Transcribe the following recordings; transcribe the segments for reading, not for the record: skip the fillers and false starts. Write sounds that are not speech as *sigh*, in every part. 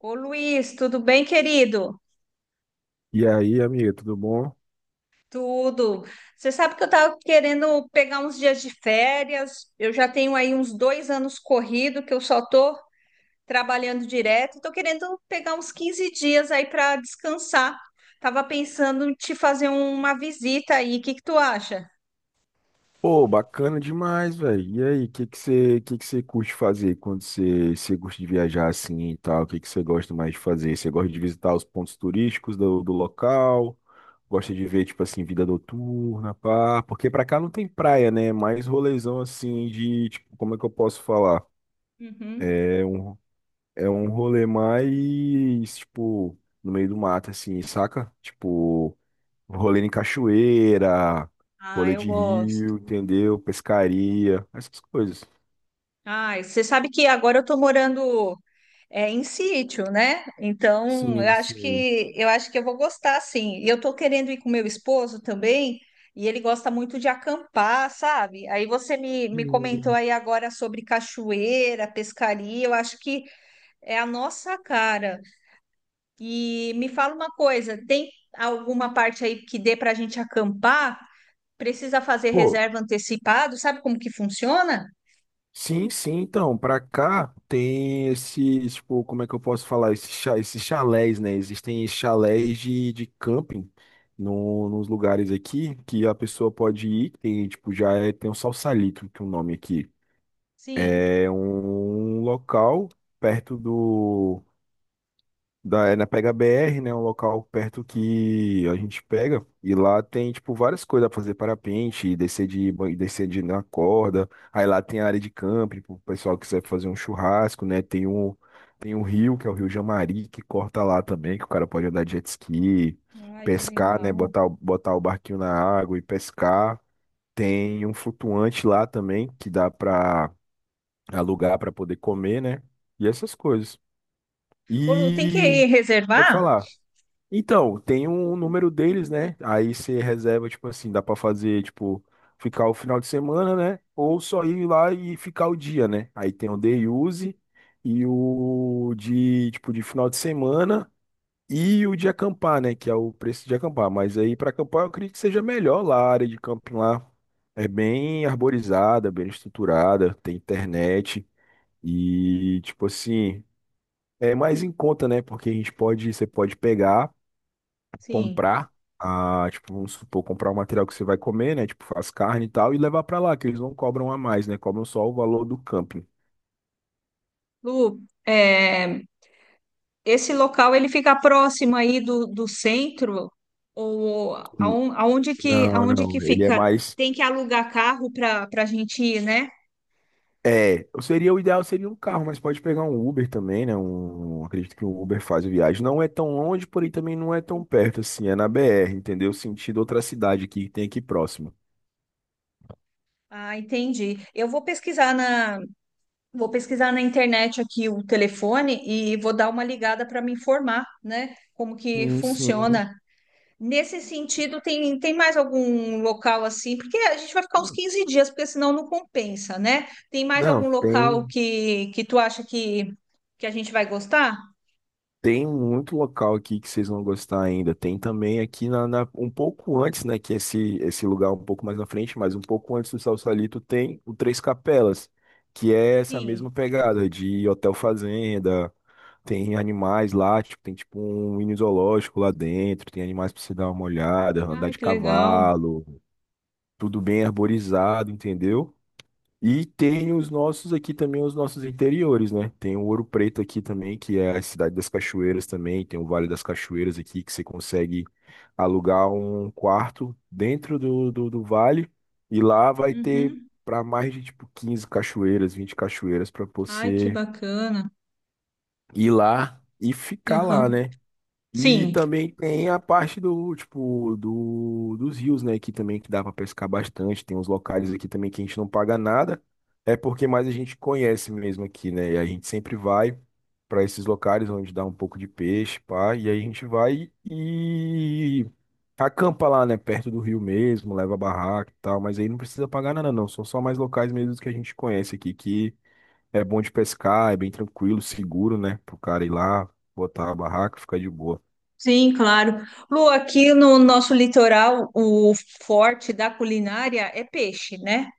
Ô Luiz, tudo bem, querido? E aí, amiga, tudo bom? Tudo. Você sabe que eu estava querendo pegar uns dias de férias. Eu já tenho aí uns dois anos corrido que eu só estou trabalhando direto. Estou querendo pegar uns 15 dias aí para descansar. Tava pensando em te fazer uma visita aí. O que que tu acha? Pô, bacana demais, velho. E aí, o que que você curte fazer quando você gosta de viajar assim e tal? O que que você gosta mais de fazer? Você gosta de visitar os pontos turísticos do local? Gosta de ver, tipo assim, vida noturna, pá? Porque pra cá não tem praia, né? É mais rolezão assim de, tipo, como é que eu posso falar? Uhum. É um, é um rolê mais, tipo, no meio do mato, assim, saca? Tipo. Rolê em cachoeira, Ah, rolê eu de rio, gosto. entendeu? Pescaria, essas coisas. Ah, você sabe que agora eu tô morando é em sítio, né? Então, eu Sim, acho sim. que eu acho que eu vou gostar sim. E eu tô querendo ir com meu esposo também, e ele gosta muito de acampar, sabe? Aí você me comentou E- aí agora sobre cachoeira, pescaria, eu acho que é a nossa cara. E me fala uma coisa, tem alguma parte aí que dê para a gente acampar? Precisa fazer Pô, reserva antecipado? Sabe como que funciona? sim, sim, então, pra cá tem esses, tipo, como é que eu posso falar? Esses, chalés, né? Existem chalés de camping no, nos lugares aqui que a pessoa pode ir, tem, tipo, tem um Salsalito, que é o nome aqui. Sim. É um local perto é na Pega BR, né? Um local perto que a gente pega. E lá tem, tipo, várias coisas pra fazer. Parapente, descer de na corda. Aí lá tem a área de camping, pro pessoal que quiser fazer um churrasco, né? Tem um rio, que é o Rio Jamari, que corta lá também, que o cara pode andar de jet ski, Ai, que pescar, né? legal. Botar, botar o barquinho na água e pescar. Tem um flutuante lá também, que dá pra alugar pra poder comer, né? E essas coisas. Ô, Lu, tem que E... Pode reservar? falar. Então, tem um número deles, né? Aí você reserva, tipo assim, dá pra fazer, tipo, ficar o final de semana, né? Ou só ir lá e ficar o dia, né? Aí tem o day use e o de, tipo, de final de semana e o de acampar, né? Que é o preço de acampar. Mas aí pra acampar eu acredito que seja melhor lá, a área de camping lá é bem arborizada, bem estruturada, tem internet e, tipo assim, é mais em conta, né? Porque a gente pode, você pode pegar Sim. comprar, a, tipo, vamos supor, comprar o material que você vai comer, né? Tipo, as carnes e tal, e levar pra lá, que eles não cobram a mais, né? Cobram só o valor do camping. Lu, é, esse local ele fica próximo aí do centro ou N- Não, aonde que não, ele é fica? mais. Tem que alugar carro para a gente ir, né? É, seria o ideal seria um carro, mas pode pegar um Uber também, né? Um, acredito que o Uber faz a viagem. Não é tão longe, porém também não é tão perto assim. É na BR, entendeu? Sentido outra cidade aqui que tem aqui próximo. Ah, entendi. Eu vou pesquisar na Vou pesquisar na internet aqui o telefone e vou dar uma ligada para me informar, né? Como que Sim, sim. funciona. Nesse sentido, tem mais algum local assim? Porque a gente vai ficar uns Não, 15 dias, porque senão não compensa, né? Tem mais não, algum local tem. que tu acha que a gente vai gostar? Tem muito local aqui que vocês vão gostar ainda. Tem também aqui um pouco antes, né? Que esse lugar é um pouco mais na frente, mas um pouco antes do Salsalito tem o Três Capelas, que é essa mesma Sim. pegada de hotel fazenda. Tem animais lá, tipo, tem tipo um mini zoológico lá dentro, tem animais pra você dar uma olhada, andar Ai, de que legal. cavalo, tudo bem arborizado, entendeu? E tem os nossos aqui também, os nossos interiores, né? Tem o Ouro Preto aqui também, que é a cidade das cachoeiras também. Tem o Vale das Cachoeiras aqui, que você consegue alugar um quarto dentro do vale. E lá vai ter Uhum. para mais de tipo 15 cachoeiras, 20 cachoeiras para Ai, que você bacana. ir lá e ficar lá, Aham. né? E Sim, também tem a parte do, tipo, dos rios, né? Que também que dá pra pescar bastante. Tem uns locais aqui também que a gente não paga nada. É porque mais a gente conhece mesmo aqui, né? E a gente sempre vai pra esses locais onde dá um pouco de peixe, pá. E aí a gente vai e acampa lá, né? Perto do rio mesmo, leva barraca e tal. Mas aí não precisa pagar nada, não. São só mais locais mesmo que a gente conhece aqui, que é bom de pescar, é bem tranquilo, seguro, né? Pro cara ir lá, botar a barraca, ficar de boa. sim, claro. Lu, aqui no nosso litoral, o forte da culinária é peixe, né?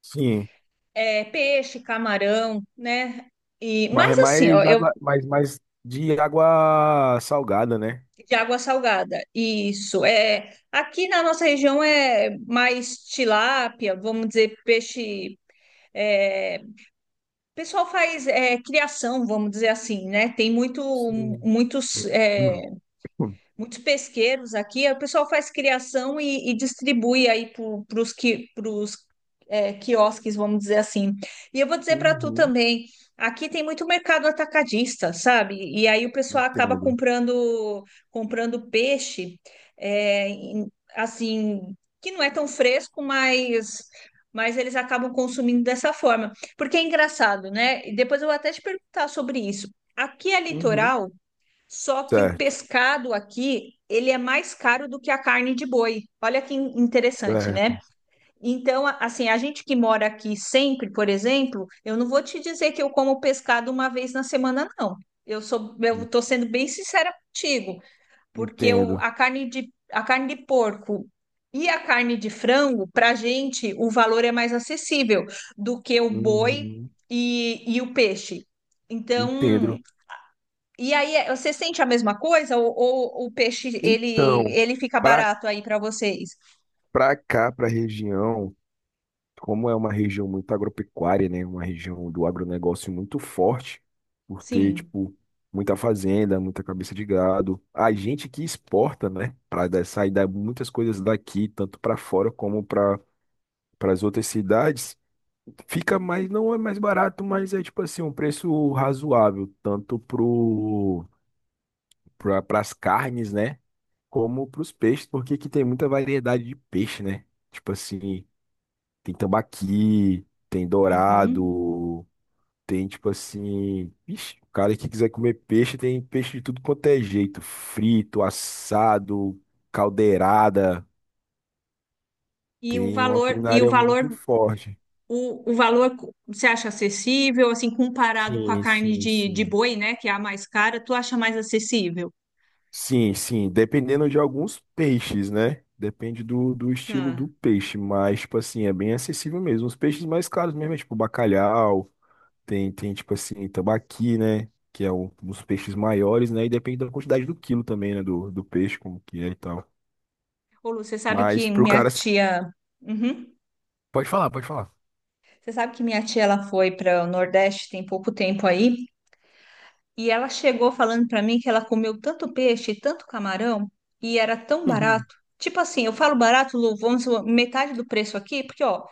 Sim, É peixe, camarão, né? E, mas é mas assim, ó, mais eu água, mais, mais de água salgada, né? de água salgada, isso. É, aqui na nossa região é mais tilápia, vamos dizer, peixe. É, o pessoal faz é, criação, vamos dizer assim, né? Tem muito, Sim. muitos. É, Hum. muitos pesqueiros aqui, o pessoal faz criação e distribui aí para os que, pros, é, quiosques, vamos dizer assim. E eu vou dizer para tu Uhum, também, aqui tem muito mercado atacadista, sabe? E aí o pessoal acaba entendo. comprando peixe, é, assim, que não é tão fresco, mas eles acabam consumindo dessa forma. Porque é engraçado, né? E depois eu vou até te perguntar sobre isso. Aqui é Uhum. litoral, só que o Certo, pescado aqui, ele é mais caro do que a carne de boi. Olha que interessante, né? certo. Então, assim, a gente que mora aqui sempre, por exemplo, eu não vou te dizer que eu como pescado uma vez na semana, não. Eu sou, eu En- tô sendo bem sincera contigo, porque o, Entendo. A carne de porco e a carne de frango, para gente, o valor é mais acessível do que o boi Uhum, e o peixe. Então, entendo. e aí, você sente a mesma coisa ou o peixe ele, Então, ele fica para barato aí para vocês? para cá, para a região. Como é uma região muito agropecuária, né? Uma região do agronegócio muito forte, por ter, Sim. tipo, muita fazenda, muita cabeça de gado. A gente que exporta, né? Para sair muitas coisas daqui, tanto para fora como para as outras cidades, fica mais, não é mais barato, mas é tipo assim, um preço razoável, tanto pro para as carnes, né? Como para os peixes, porque aqui tem muita variedade de peixe, né? Tipo assim. Tem tambaqui, tem Uhum. dourado, tem tipo assim. Ixi, o cara que quiser comer peixe, tem peixe de tudo quanto é jeito. Frito, assado, caldeirada. Tem uma E o culinária valor, muito forte. o, você acha acessível, assim, comparado com a Sim, carne sim, de sim. boi, né, que é a mais cara, tu acha mais acessível? Sim, sim, dependendo de alguns peixes, né? Depende do estilo do Tá. peixe, mas, tipo assim, é bem acessível mesmo. Os peixes mais caros mesmo, é tipo bacalhau. Tipo assim, tambaqui, né? Que é um dos peixes maiores, né? E depende da quantidade do quilo também, né? Do peixe, como que é e tal. Ô, Lu, você sabe Mas que pro minha cara. Tia. Uhum. Pode falar, pode falar. Você sabe que minha tia ela foi para o Nordeste tem pouco tempo aí, e ela chegou falando pra mim que ela comeu tanto peixe, tanto camarão, e era tão Uhum. barato. Tipo assim, eu falo barato, Lu, vamos supor, metade do preço aqui, porque ó,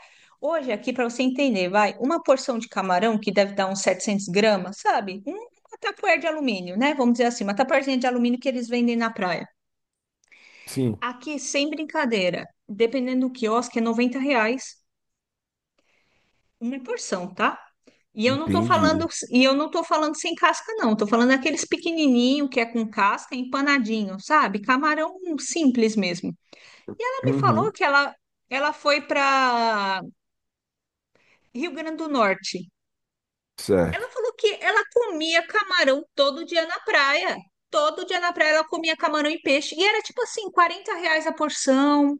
hoje aqui pra você entender, vai, uma porção de camarão que deve dar uns 700 gramas, sabe? Uma tapuér de alumínio, né? Vamos dizer assim, uma tapuérzinha de alumínio que eles vendem na praia. Sim, Aqui, sem brincadeira, dependendo do quiosque, é 90 reais. Uma porção, tá? Entendi. E eu não tô falando sem casca, não. Tô falando aqueles pequenininho que é com casca, empanadinho, sabe? Camarão simples mesmo. Ela me falou Uhum, que ela foi para Rio Grande do Norte. certo. Ela falou que ela comia camarão todo dia na praia. Todo dia na praia ela comia camarão e peixe. E era tipo assim, 40 reais a porção.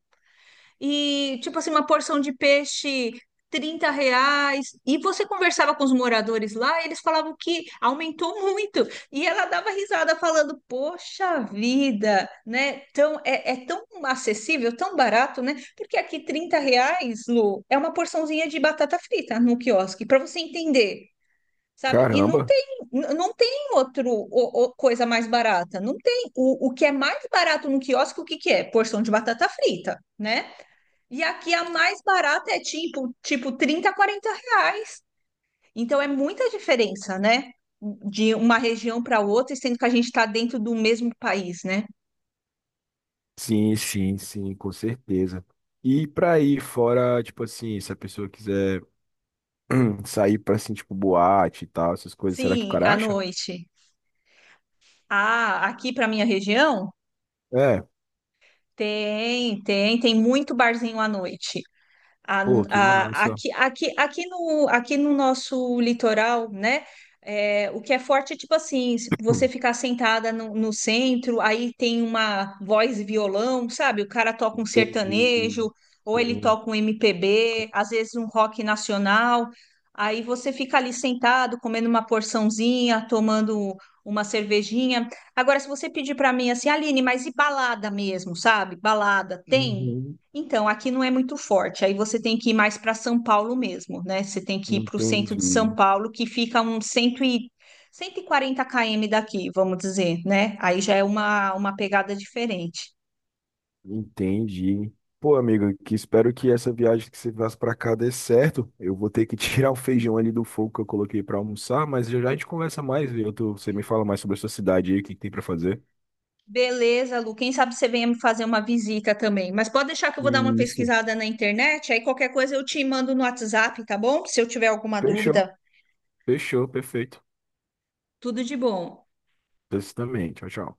E, tipo assim, uma porção de peixe, 30 reais. E você conversava com os moradores lá, eles falavam que aumentou muito. E ela dava risada falando, poxa vida, né? Tão, é, é tão acessível, tão barato, né? Porque aqui 30 reais, Lu, é uma porçãozinha de batata frita no quiosque, para você entender. Sabe? E não Caramba. tem, não tem outro coisa mais barata. Não tem. O que é mais barato no quiosque, o que que é? Porção de batata frita, né? E aqui a mais barata é tipo, tipo 30 40 reais. Então é muita diferença, né? De uma região para outra, sendo que a gente está dentro do mesmo país, né? Sim, sim, sim, com certeza. E pra aí fora, tipo assim, se a pessoa quiser *clears throat* sair pra, assim, tipo, boate e tal, essas coisas, será que o Sim, cara à acha? noite. Ah, aqui para minha região É, tem muito barzinho à noite. A- pô, que massa. Aqui no nosso litoral, né? É, o que é forte é tipo assim, se você Hum, ficar sentada no, no centro, aí tem uma voz e violão, sabe? O cara toca um Entendi. sertanejo, ou ele Sim. toca um MPB, às vezes um rock nacional. Aí você fica ali sentado, comendo uma porçãozinha, tomando uma cervejinha. Agora, se você pedir para mim assim, Aline, mas e balada mesmo, sabe? Balada, tem? Uhum. Então, aqui não é muito forte. Aí você tem que ir mais para São Paulo mesmo, né? Você tem que ir para o centro de São Entendi, Paulo, que fica uns 100 e... 140 km daqui, vamos dizer, né? Aí já é uma pegada diferente. entendi. Pô, amigo, que espero que essa viagem que você faz pra cá dê certo. Eu vou ter que *laughs* tirar o feijão ali do fogo que eu coloquei pra almoçar, mas já já a gente conversa mais, viu? Você me fala mais sobre a sua cidade aí, o que que tem pra fazer. Beleza, Lu. Quem sabe você venha me fazer uma visita também. Mas pode deixar que eu vou dar uma Isso. pesquisada na internet. Aí qualquer coisa eu te mando no WhatsApp, tá bom? Se eu tiver alguma Fechou. dúvida, Fechou, perfeito. tudo de bom. Você também. Tchau, tchau.